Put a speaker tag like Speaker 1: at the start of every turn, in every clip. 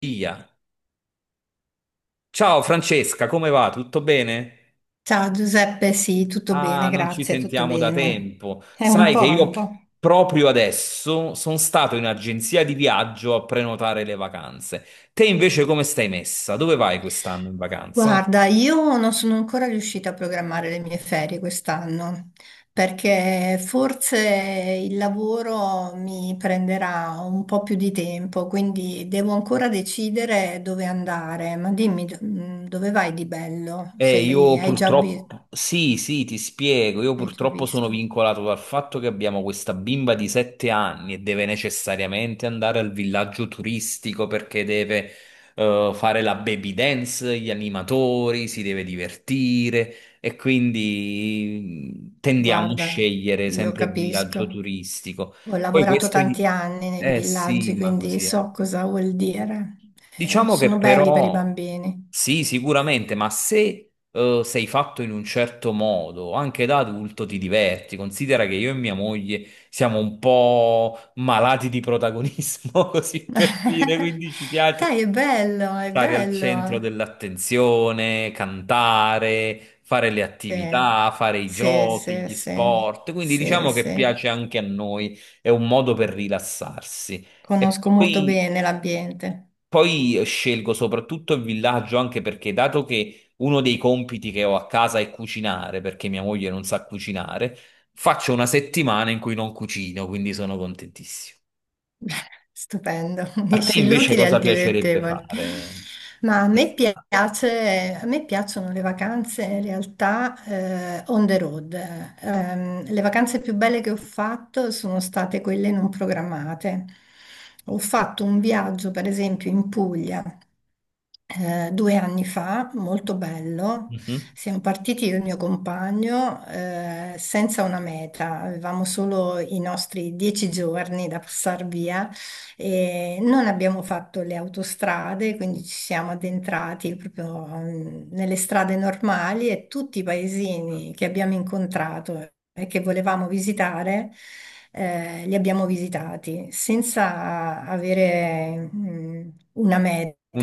Speaker 1: Via. Ciao Francesca, come va? Tutto bene?
Speaker 2: Ciao Giuseppe, sì, tutto
Speaker 1: Ah,
Speaker 2: bene,
Speaker 1: non ci
Speaker 2: grazie, tutto
Speaker 1: sentiamo da
Speaker 2: bene.
Speaker 1: tempo.
Speaker 2: È un
Speaker 1: Sai che
Speaker 2: po', è
Speaker 1: io
Speaker 2: un po'.
Speaker 1: proprio adesso sono stato in agenzia di viaggio a prenotare le vacanze. Te invece come stai messa? Dove vai quest'anno in vacanza?
Speaker 2: Guarda, io non sono ancora riuscita a programmare le mie ferie quest'anno, perché forse il lavoro mi prenderà un po' più di tempo, quindi devo ancora decidere dove andare. Ma dimmi, dove vai di bello? Sei,
Speaker 1: Io
Speaker 2: hai già vi-
Speaker 1: purtroppo, sì, sì, ti spiego, io
Speaker 2: Hai già
Speaker 1: purtroppo sono
Speaker 2: visto?
Speaker 1: vincolato dal fatto che abbiamo questa bimba di 7 anni e deve necessariamente andare al villaggio turistico perché deve fare la baby dance, gli animatori, si deve divertire e quindi tendiamo a
Speaker 2: Guarda,
Speaker 1: scegliere
Speaker 2: io
Speaker 1: sempre il villaggio
Speaker 2: capisco.
Speaker 1: turistico.
Speaker 2: Ho
Speaker 1: Poi
Speaker 2: lavorato
Speaker 1: questo gli...
Speaker 2: tanti anni nei
Speaker 1: Eh sì,
Speaker 2: villaggi,
Speaker 1: ma
Speaker 2: quindi
Speaker 1: così è.
Speaker 2: so cosa vuol dire.
Speaker 1: Diciamo che
Speaker 2: Sono belli per i
Speaker 1: però
Speaker 2: bambini.
Speaker 1: sì, sicuramente, ma se sei fatto in un certo modo, anche da adulto ti diverti. Considera che io e mia moglie siamo un po' malati di protagonismo, così per dire, quindi ci
Speaker 2: Dai,
Speaker 1: piace
Speaker 2: è bello, è
Speaker 1: stare al centro
Speaker 2: bello.
Speaker 1: dell'attenzione, cantare, fare le
Speaker 2: Sì,
Speaker 1: attività, fare i
Speaker 2: sì,
Speaker 1: giochi,
Speaker 2: sì,
Speaker 1: gli
Speaker 2: sì,
Speaker 1: sport. Quindi
Speaker 2: sì.
Speaker 1: diciamo che
Speaker 2: Sì.
Speaker 1: piace anche a noi, è un modo per rilassarsi. E
Speaker 2: Conosco molto
Speaker 1: poi
Speaker 2: bene l'ambiente.
Speaker 1: poi eh, scelgo soprattutto il villaggio anche perché, dato che uno dei compiti che ho a casa è cucinare, perché mia moglie non sa cucinare, faccio una settimana in cui non cucino, quindi sono contentissimo.
Speaker 2: Stupendo,
Speaker 1: A te
Speaker 2: unisci
Speaker 1: invece
Speaker 2: l'utile al
Speaker 1: cosa piacerebbe
Speaker 2: dilettevole.
Speaker 1: fare?
Speaker 2: Ma a me piacciono le vacanze in realtà on the road. Le vacanze più belle che ho fatto sono state quelle non programmate. Ho fatto un viaggio, per esempio, in Puglia 2 anni fa, molto bello.
Speaker 1: Mhm.
Speaker 2: Siamo partiti io e il mio compagno senza una meta, avevamo solo i nostri 10 giorni da passare via e non abbiamo fatto le autostrade, quindi ci siamo addentrati proprio nelle strade normali e tutti i paesini che abbiamo incontrato e che volevamo visitare, li abbiamo visitati senza avere una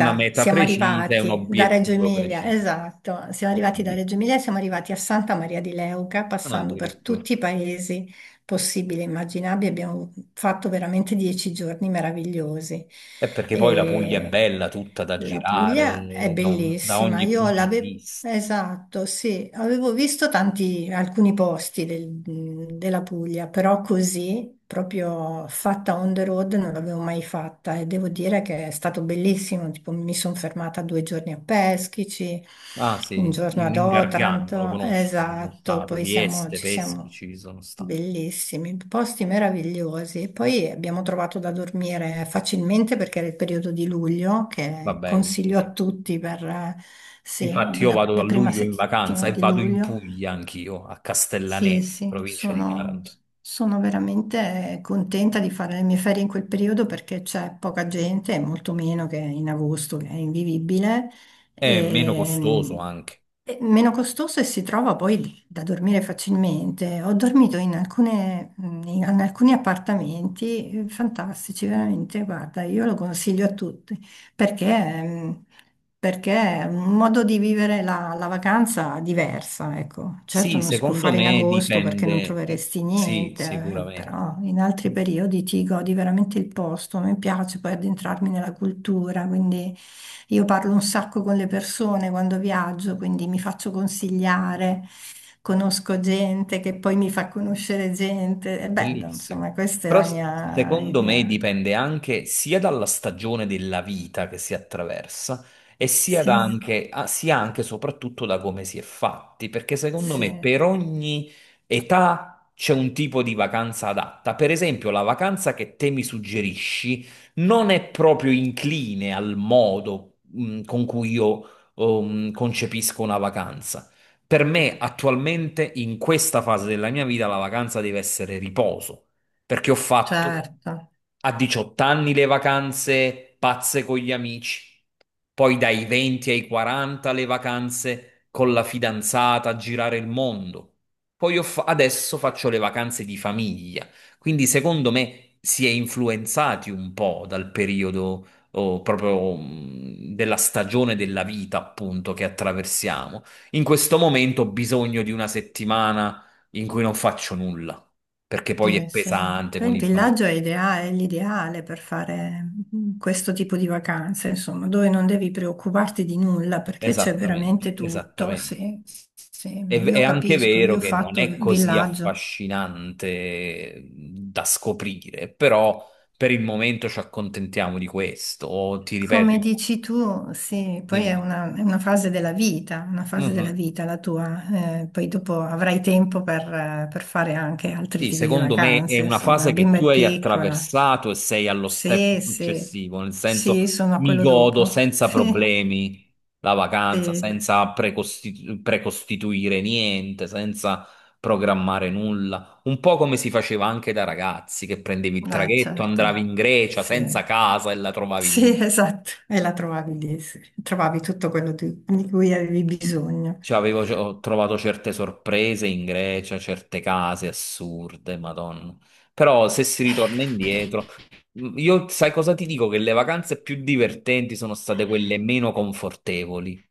Speaker 1: Una meta
Speaker 2: Siamo
Speaker 1: precisa e un
Speaker 2: arrivati da Reggio
Speaker 1: obiettivo
Speaker 2: Emilia,
Speaker 1: preciso.
Speaker 2: esatto, siamo
Speaker 1: Ho
Speaker 2: arrivati da
Speaker 1: capito.
Speaker 2: Reggio Emilia, e siamo arrivati a Santa Maria di Leuca,
Speaker 1: Ah,
Speaker 2: passando per
Speaker 1: addirittura.
Speaker 2: tutti i paesi possibile, immaginabile. Abbiamo fatto veramente 10 giorni meravigliosi.
Speaker 1: È perché poi la Puglia è
Speaker 2: E
Speaker 1: bella, tutta da
Speaker 2: la Puglia è
Speaker 1: girare da
Speaker 2: bellissima.
Speaker 1: ogni
Speaker 2: Io
Speaker 1: punto di
Speaker 2: l'avevo,
Speaker 1: vista.
Speaker 2: esatto, sì, avevo visto alcuni posti della Puglia, però così. Proprio fatta on the road non l'avevo mai fatta e devo dire che è stato bellissimo. Tipo, mi sono fermata 2 giorni a Peschici,
Speaker 1: Ah
Speaker 2: un
Speaker 1: sì,
Speaker 2: giorno
Speaker 1: il-
Speaker 2: ad
Speaker 1: l'ingargano lo
Speaker 2: Otranto,
Speaker 1: conosco, ci sono
Speaker 2: esatto,
Speaker 1: stato, Vieste,
Speaker 2: ci
Speaker 1: Peschi
Speaker 2: siamo.
Speaker 1: ci sono stato.
Speaker 2: Bellissimi, posti meravigliosi. E poi abbiamo trovato da dormire facilmente perché era il periodo di luglio, che
Speaker 1: Vabbè,
Speaker 2: consiglio a
Speaker 1: quindi-
Speaker 2: tutti per, sì,
Speaker 1: infatti io
Speaker 2: la
Speaker 1: vado a
Speaker 2: la prima
Speaker 1: luglio in vacanza
Speaker 2: settimana
Speaker 1: e
Speaker 2: di
Speaker 1: vado in
Speaker 2: luglio.
Speaker 1: Puglia anch'io, a
Speaker 2: Sì,
Speaker 1: Castellaneta,
Speaker 2: sì,
Speaker 1: provincia di
Speaker 2: sono,
Speaker 1: Taranto.
Speaker 2: sono veramente contenta di fare le mie ferie in quel periodo perché c'è poca gente, e molto meno che in agosto, che è invivibile,
Speaker 1: È meno
Speaker 2: e,
Speaker 1: costoso anche.
Speaker 2: e meno costoso e si trova poi da dormire facilmente. Ho dormito in alcuni appartamenti fantastici, veramente, guarda, io lo consiglio a tutti. Perché, mh, perché è un modo di vivere la vacanza diversa, ecco. Certo
Speaker 1: Sì,
Speaker 2: non si può
Speaker 1: secondo
Speaker 2: fare in
Speaker 1: me
Speaker 2: agosto perché non
Speaker 1: dipende.
Speaker 2: troveresti
Speaker 1: Sì,
Speaker 2: niente,
Speaker 1: sicuramente.
Speaker 2: però in altri periodi ti godi veramente il posto, mi piace poi addentrarmi nella cultura, quindi io parlo un sacco con le persone quando viaggio, quindi mi faccio consigliare, conosco gente che poi mi fa conoscere gente, è bello,
Speaker 1: Bellissimo.
Speaker 2: insomma, questa è
Speaker 1: Però
Speaker 2: la
Speaker 1: s-
Speaker 2: mia
Speaker 1: secondo me
Speaker 2: idea.
Speaker 1: dipende anche sia dalla stagione della vita che si attraversa e sia,
Speaker 2: Sì,
Speaker 1: da anche, ah, sia anche e soprattutto da come si è fatti, perché secondo
Speaker 2: sì.
Speaker 1: me per ogni età c'è un tipo di vacanza adatta. Per esempio, la vacanza che te mi suggerisci non è proprio incline al modo, con cui io concepisco una vacanza. Per me attualmente, in questa fase della mia vita, la vacanza deve essere riposo, perché ho fatto
Speaker 2: Certo,
Speaker 1: a 18 anni le vacanze pazze con gli amici, poi dai 20 ai 40 le vacanze con la fidanzata a girare il mondo, poi ho fa- adesso faccio le vacanze di famiglia, quindi secondo me si è influenzati un po' dal periodo o proprio della stagione della vita, appunto, che attraversiamo. In questo momento ho bisogno di una settimana in cui non faccio nulla, perché poi è
Speaker 2: sì, sì.
Speaker 1: pesante
Speaker 2: Poi
Speaker 1: con
Speaker 2: il
Speaker 1: i bambini.
Speaker 2: villaggio è l'ideale per fare questo tipo di vacanze, insomma, dove non devi preoccuparti di nulla perché c'è
Speaker 1: Esattamente,
Speaker 2: veramente tutto.
Speaker 1: esattamente.
Speaker 2: Sì, sì, sì.
Speaker 1: È,
Speaker 2: Io
Speaker 1: è anche
Speaker 2: capisco,
Speaker 1: vero
Speaker 2: io ho
Speaker 1: che non
Speaker 2: fatto
Speaker 1: è così
Speaker 2: villaggio.
Speaker 1: affascinante da scoprire, però per il momento ci accontentiamo di questo. O ti ripeto,
Speaker 2: Come
Speaker 1: io-
Speaker 2: dici tu, sì, poi è
Speaker 1: dimmi.
Speaker 2: una, è una fase della vita, una fase della
Speaker 1: Mhm.
Speaker 2: vita la tua, poi dopo avrai tempo per fare anche altri
Speaker 1: Sì,
Speaker 2: tipi di
Speaker 1: secondo me è
Speaker 2: vacanze,
Speaker 1: una
Speaker 2: insomma, la
Speaker 1: fase che
Speaker 2: bimba
Speaker 1: tu
Speaker 2: è
Speaker 1: hai
Speaker 2: piccola.
Speaker 1: attraversato e sei allo step
Speaker 2: Sì, sì,
Speaker 1: successivo, nel
Speaker 2: sì,
Speaker 1: senso
Speaker 2: sono a
Speaker 1: mi
Speaker 2: quello
Speaker 1: godo
Speaker 2: dopo.
Speaker 1: senza problemi la
Speaker 2: Sì,
Speaker 1: vacanza,
Speaker 2: sì,
Speaker 1: senza precosti- precostituire niente, senza programmare nulla. Un po' come si faceva anche da ragazzi, che prendevi il
Speaker 2: ah,
Speaker 1: traghetto, andavi
Speaker 2: certo,
Speaker 1: in Grecia senza
Speaker 2: sì.
Speaker 1: casa e la trovavi
Speaker 2: Sì,
Speaker 1: lì.
Speaker 2: esatto, e la trovavi lì, sì. Trovavi tutto quello di cui avevi bisogno.
Speaker 1: Cioè, avevo, ho trovato certe sorprese in Grecia, certe case assurde, Madonna. Però se si ritorna indietro, io sai cosa ti dico? Che le vacanze più divertenti sono state quelle meno confortevoli.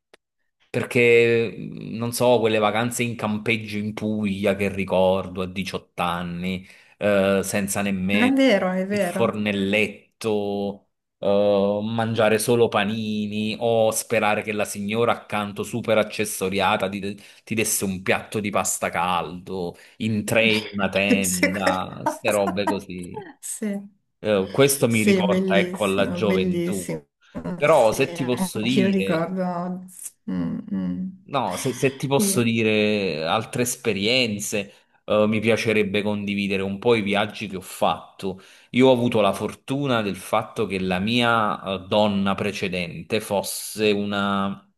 Speaker 1: Perché, non so, quelle vacanze in campeggio in Puglia che ricordo a 18 anni, senza
Speaker 2: Ma è
Speaker 1: nemmeno
Speaker 2: vero, è
Speaker 1: il
Speaker 2: vero.
Speaker 1: fornelletto, mangiare solo panini o sperare che la signora accanto super accessoriata ti, ti desse un piatto di pasta caldo, in tre in una
Speaker 2: Sì,
Speaker 1: tenda, ste robe
Speaker 2: qualcosa.
Speaker 1: così.
Speaker 2: Sì,
Speaker 1: Questo mi
Speaker 2: sì,
Speaker 1: riporta, ecco, alla
Speaker 2: bellissimo,
Speaker 1: gioventù.
Speaker 2: bellissimo.
Speaker 1: Però
Speaker 2: Sì,
Speaker 1: se ti posso
Speaker 2: anch'io
Speaker 1: dire,
Speaker 2: ricordo. Mm, mm.
Speaker 1: no, se ti posso
Speaker 2: Io-
Speaker 1: dire altre esperienze, mi piacerebbe condividere un po' i viaggi che ho fatto. Io ho avuto la fortuna del fatto che la mia, donna precedente fosse una,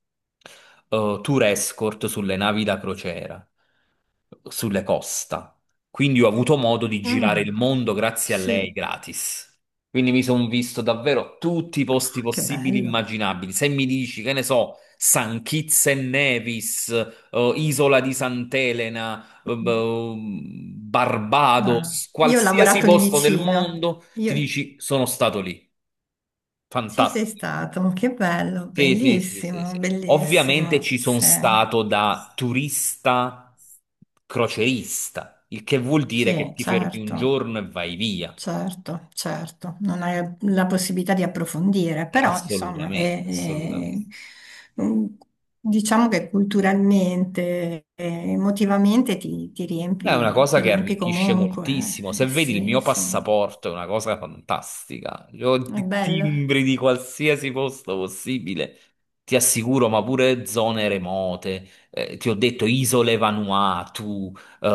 Speaker 1: tour escort sulle navi da crociera, sulle costa. Quindi ho avuto modo di girare il
Speaker 2: mm,
Speaker 1: mondo grazie a lei
Speaker 2: sì,
Speaker 1: gratis. Quindi mi sono visto davvero tutti i
Speaker 2: Oh,
Speaker 1: posti
Speaker 2: che
Speaker 1: possibili e
Speaker 2: bello.
Speaker 1: immaginabili. Se mi dici, che ne so, San Kitts e Nevis, Isola di Sant'Elena,
Speaker 2: Mm. Ah,
Speaker 1: Barbados,
Speaker 2: Io ho
Speaker 1: qualsiasi
Speaker 2: lavorato lì
Speaker 1: posto del
Speaker 2: vicino.
Speaker 1: mondo, ti
Speaker 2: Io.
Speaker 1: dici sono stato lì.
Speaker 2: Ci sei
Speaker 1: Fantastico.
Speaker 2: stato, che bello,
Speaker 1: Sì, sì, sì, sì,
Speaker 2: bellissimo,
Speaker 1: sì. Ovviamente
Speaker 2: bellissimo.
Speaker 1: ci sono
Speaker 2: Sì.
Speaker 1: stato da turista crocerista, il che vuol dire che
Speaker 2: Sì,
Speaker 1: ti fermi un
Speaker 2: certo,
Speaker 1: giorno e vai via.
Speaker 2: certo, certo, non hai la possibilità di approfondire, però insomma,
Speaker 1: Assolutamente, assolutamente.
Speaker 2: mm, diciamo che culturalmente, emotivamente ti
Speaker 1: È una
Speaker 2: riempi,
Speaker 1: cosa
Speaker 2: ti
Speaker 1: che
Speaker 2: riempi
Speaker 1: arricchisce
Speaker 2: comunque,
Speaker 1: moltissimo. Se vedi il
Speaker 2: sì,
Speaker 1: mio
Speaker 2: sì,
Speaker 1: passaporto, è una cosa fantastica. Io ho
Speaker 2: è
Speaker 1: di
Speaker 2: bello.
Speaker 1: timbri di qualsiasi posto possibile, ti assicuro, ma pure zone remote. Ti ho detto isole Vanuatu, eh,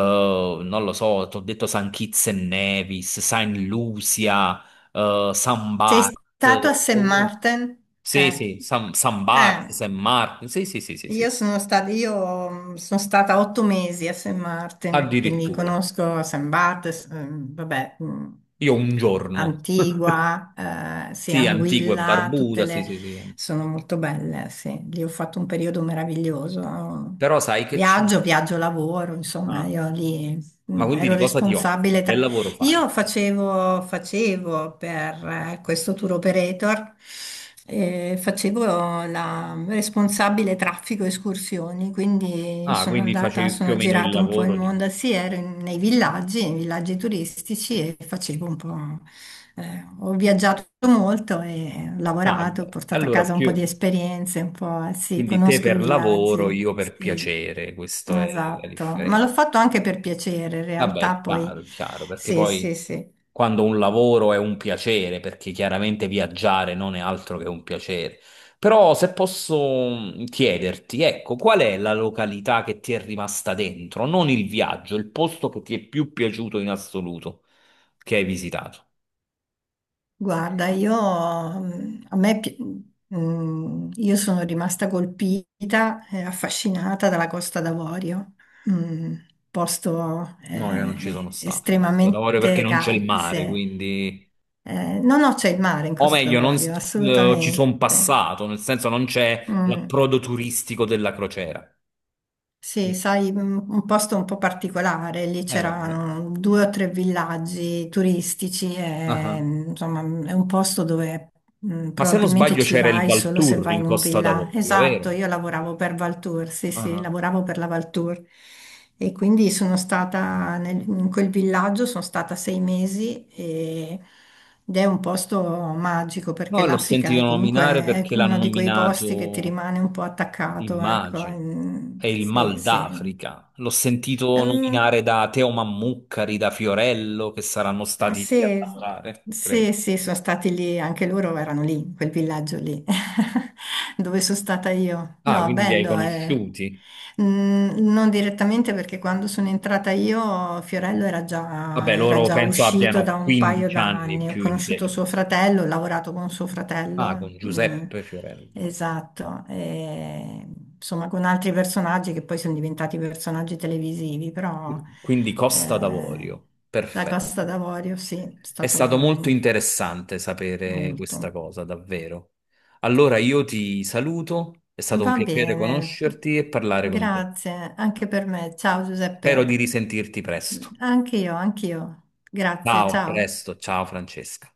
Speaker 1: non lo so, ti ho detto San Kitts e Nevis, Saint Lucia, San
Speaker 2: Sei
Speaker 1: Bart.
Speaker 2: stato a St.
Speaker 1: Oh,
Speaker 2: Martin?
Speaker 1: sì,
Speaker 2: Eh,
Speaker 1: sì, San, San
Speaker 2: eh.
Speaker 1: Bart, San Marco. Sì, sì, sì, sì,
Speaker 2: Io
Speaker 1: sì.
Speaker 2: sono stata, io mm, sono stata 8 mesi a St. Martin, quindi
Speaker 1: Addirittura.
Speaker 2: conosco St. Barts, vabbè,
Speaker 1: Io un giorno.
Speaker 2: Antigua, sì,
Speaker 1: Sì, antico e
Speaker 2: Anguilla, tutte
Speaker 1: barbuta, sì,
Speaker 2: le...
Speaker 1: sì, sì.
Speaker 2: Sono molto belle, sì. Lì ho fatto un periodo meraviglioso.
Speaker 1: Però sai che c'è?
Speaker 2: Viaggio, viaggio, lavoro, insomma,
Speaker 1: Ah,
Speaker 2: io lì
Speaker 1: ma quindi
Speaker 2: ero
Speaker 1: di cosa ti occupi?
Speaker 2: responsabile.
Speaker 1: Che
Speaker 2: tra-
Speaker 1: lavoro
Speaker 2: io
Speaker 1: fai?
Speaker 2: facevo per questo tour operator, facevo la responsabile traffico escursioni, quindi
Speaker 1: Ah, quindi facevi più o
Speaker 2: sono
Speaker 1: meno il
Speaker 2: girata un po' il
Speaker 1: lavoro di...
Speaker 2: mondo, sì, ero nei villaggi turistici e facevo un po', ho viaggiato molto e ho
Speaker 1: Ah,
Speaker 2: lavorato, ho
Speaker 1: beh,
Speaker 2: portato a
Speaker 1: allora
Speaker 2: casa un po' di
Speaker 1: più...
Speaker 2: esperienze, un po', sì,
Speaker 1: Quindi te
Speaker 2: conosco i
Speaker 1: per lavoro,
Speaker 2: villaggi,
Speaker 1: io per
Speaker 2: sì.
Speaker 1: piacere, questa è la
Speaker 2: Esatto, ma l'ho
Speaker 1: differenza.
Speaker 2: fatto anche per piacere, in
Speaker 1: Vabbè,
Speaker 2: realtà poi
Speaker 1: è chiaro, perché
Speaker 2: sì, sì,
Speaker 1: poi
Speaker 2: sì.
Speaker 1: quando un lavoro è un piacere, perché chiaramente viaggiare non è altro che un piacere. Però se posso chiederti, ecco, qual è la località che ti è rimasta dentro? Non il viaggio, il posto che ti è più piaciuto in assoluto che hai visitato.
Speaker 2: Guarda, io, mm, a me, pi- mm, io sono rimasta colpita e affascinata dalla Costa d'Avorio, un posto
Speaker 1: No, io non ci sono stato in questo lavoro perché
Speaker 2: estremamente
Speaker 1: non c'è il
Speaker 2: caldo.
Speaker 1: mare, quindi...
Speaker 2: No, no, c'è il mare in
Speaker 1: O
Speaker 2: Costa
Speaker 1: meglio, non s-
Speaker 2: d'Avorio,
Speaker 1: ci
Speaker 2: assolutamente.
Speaker 1: sono passato, nel senso non c'è
Speaker 2: Mm.
Speaker 1: l'approdo turistico della crociera.
Speaker 2: Sì, sai, un posto un po' particolare, lì
Speaker 1: Vabbè.
Speaker 2: c'erano due o tre villaggi turistici e
Speaker 1: Ah.
Speaker 2: insomma è un posto dove
Speaker 1: Ma se non
Speaker 2: probabilmente
Speaker 1: sbaglio
Speaker 2: ci
Speaker 1: c'era il
Speaker 2: vai solo se
Speaker 1: Valturri
Speaker 2: vai
Speaker 1: in
Speaker 2: in un
Speaker 1: Costa
Speaker 2: villaggio.
Speaker 1: d'Avorio,
Speaker 2: Esatto,
Speaker 1: vero?
Speaker 2: io lavoravo per Valtour, sì, sì,
Speaker 1: Ah.
Speaker 2: lavoravo per la Valtour e quindi sono stata in quel villaggio, sono stata 6 mesi ed è un posto magico perché
Speaker 1: No, l'ho
Speaker 2: l'Africa
Speaker 1: sentito
Speaker 2: è comunque
Speaker 1: nominare
Speaker 2: è
Speaker 1: perché l'hanno
Speaker 2: uno di quei posti che ti
Speaker 1: nominato,
Speaker 2: rimane un po' attaccato, ecco.
Speaker 1: immagino,
Speaker 2: Mm,
Speaker 1: è il
Speaker 2: sì,
Speaker 1: Mal
Speaker 2: sì.
Speaker 1: d'Africa. L'ho sentito
Speaker 2: Mm,
Speaker 1: nominare da Teo Mammuccari, da Fiorello, che saranno stati lì a
Speaker 2: sì,
Speaker 1: lavorare, credo.
Speaker 2: sì, sì, sono stati lì, anche loro erano lì, in quel villaggio lì, dove sono stata io.
Speaker 1: Ah,
Speaker 2: No,
Speaker 1: quindi li hai
Speaker 2: bello, eh.
Speaker 1: conosciuti?
Speaker 2: Mm, non direttamente perché quando sono entrata io Fiorello era
Speaker 1: Vabbè,
Speaker 2: già, era
Speaker 1: loro
Speaker 2: già
Speaker 1: penso
Speaker 2: uscito
Speaker 1: abbiano
Speaker 2: da un paio
Speaker 1: 15 anni
Speaker 2: d'anni, ho
Speaker 1: più in
Speaker 2: conosciuto
Speaker 1: pieno.
Speaker 2: suo fratello, ho lavorato con suo
Speaker 1: Ah,
Speaker 2: fratello,
Speaker 1: con Giuseppe Fiorello.
Speaker 2: esatto, e, insomma con altri personaggi che poi sono diventati personaggi televisivi, però...
Speaker 1: Quindi Costa
Speaker 2: eh,
Speaker 1: d'Avorio,
Speaker 2: la Costa
Speaker 1: perfetto.
Speaker 2: d'Avorio, sì, è
Speaker 1: È stato molto
Speaker 2: stato
Speaker 1: interessante sapere questa
Speaker 2: molto.
Speaker 1: cosa, davvero. Allora io ti saluto, è stato un
Speaker 2: Va
Speaker 1: piacere
Speaker 2: bene,
Speaker 1: conoscerti e parlare con te.
Speaker 2: grazie anche per me. Ciao
Speaker 1: Spero di
Speaker 2: Giuseppe.
Speaker 1: risentirti presto.
Speaker 2: Anche io, anche io. Grazie,
Speaker 1: Ciao, a
Speaker 2: ciao.
Speaker 1: presto, ciao Francesca.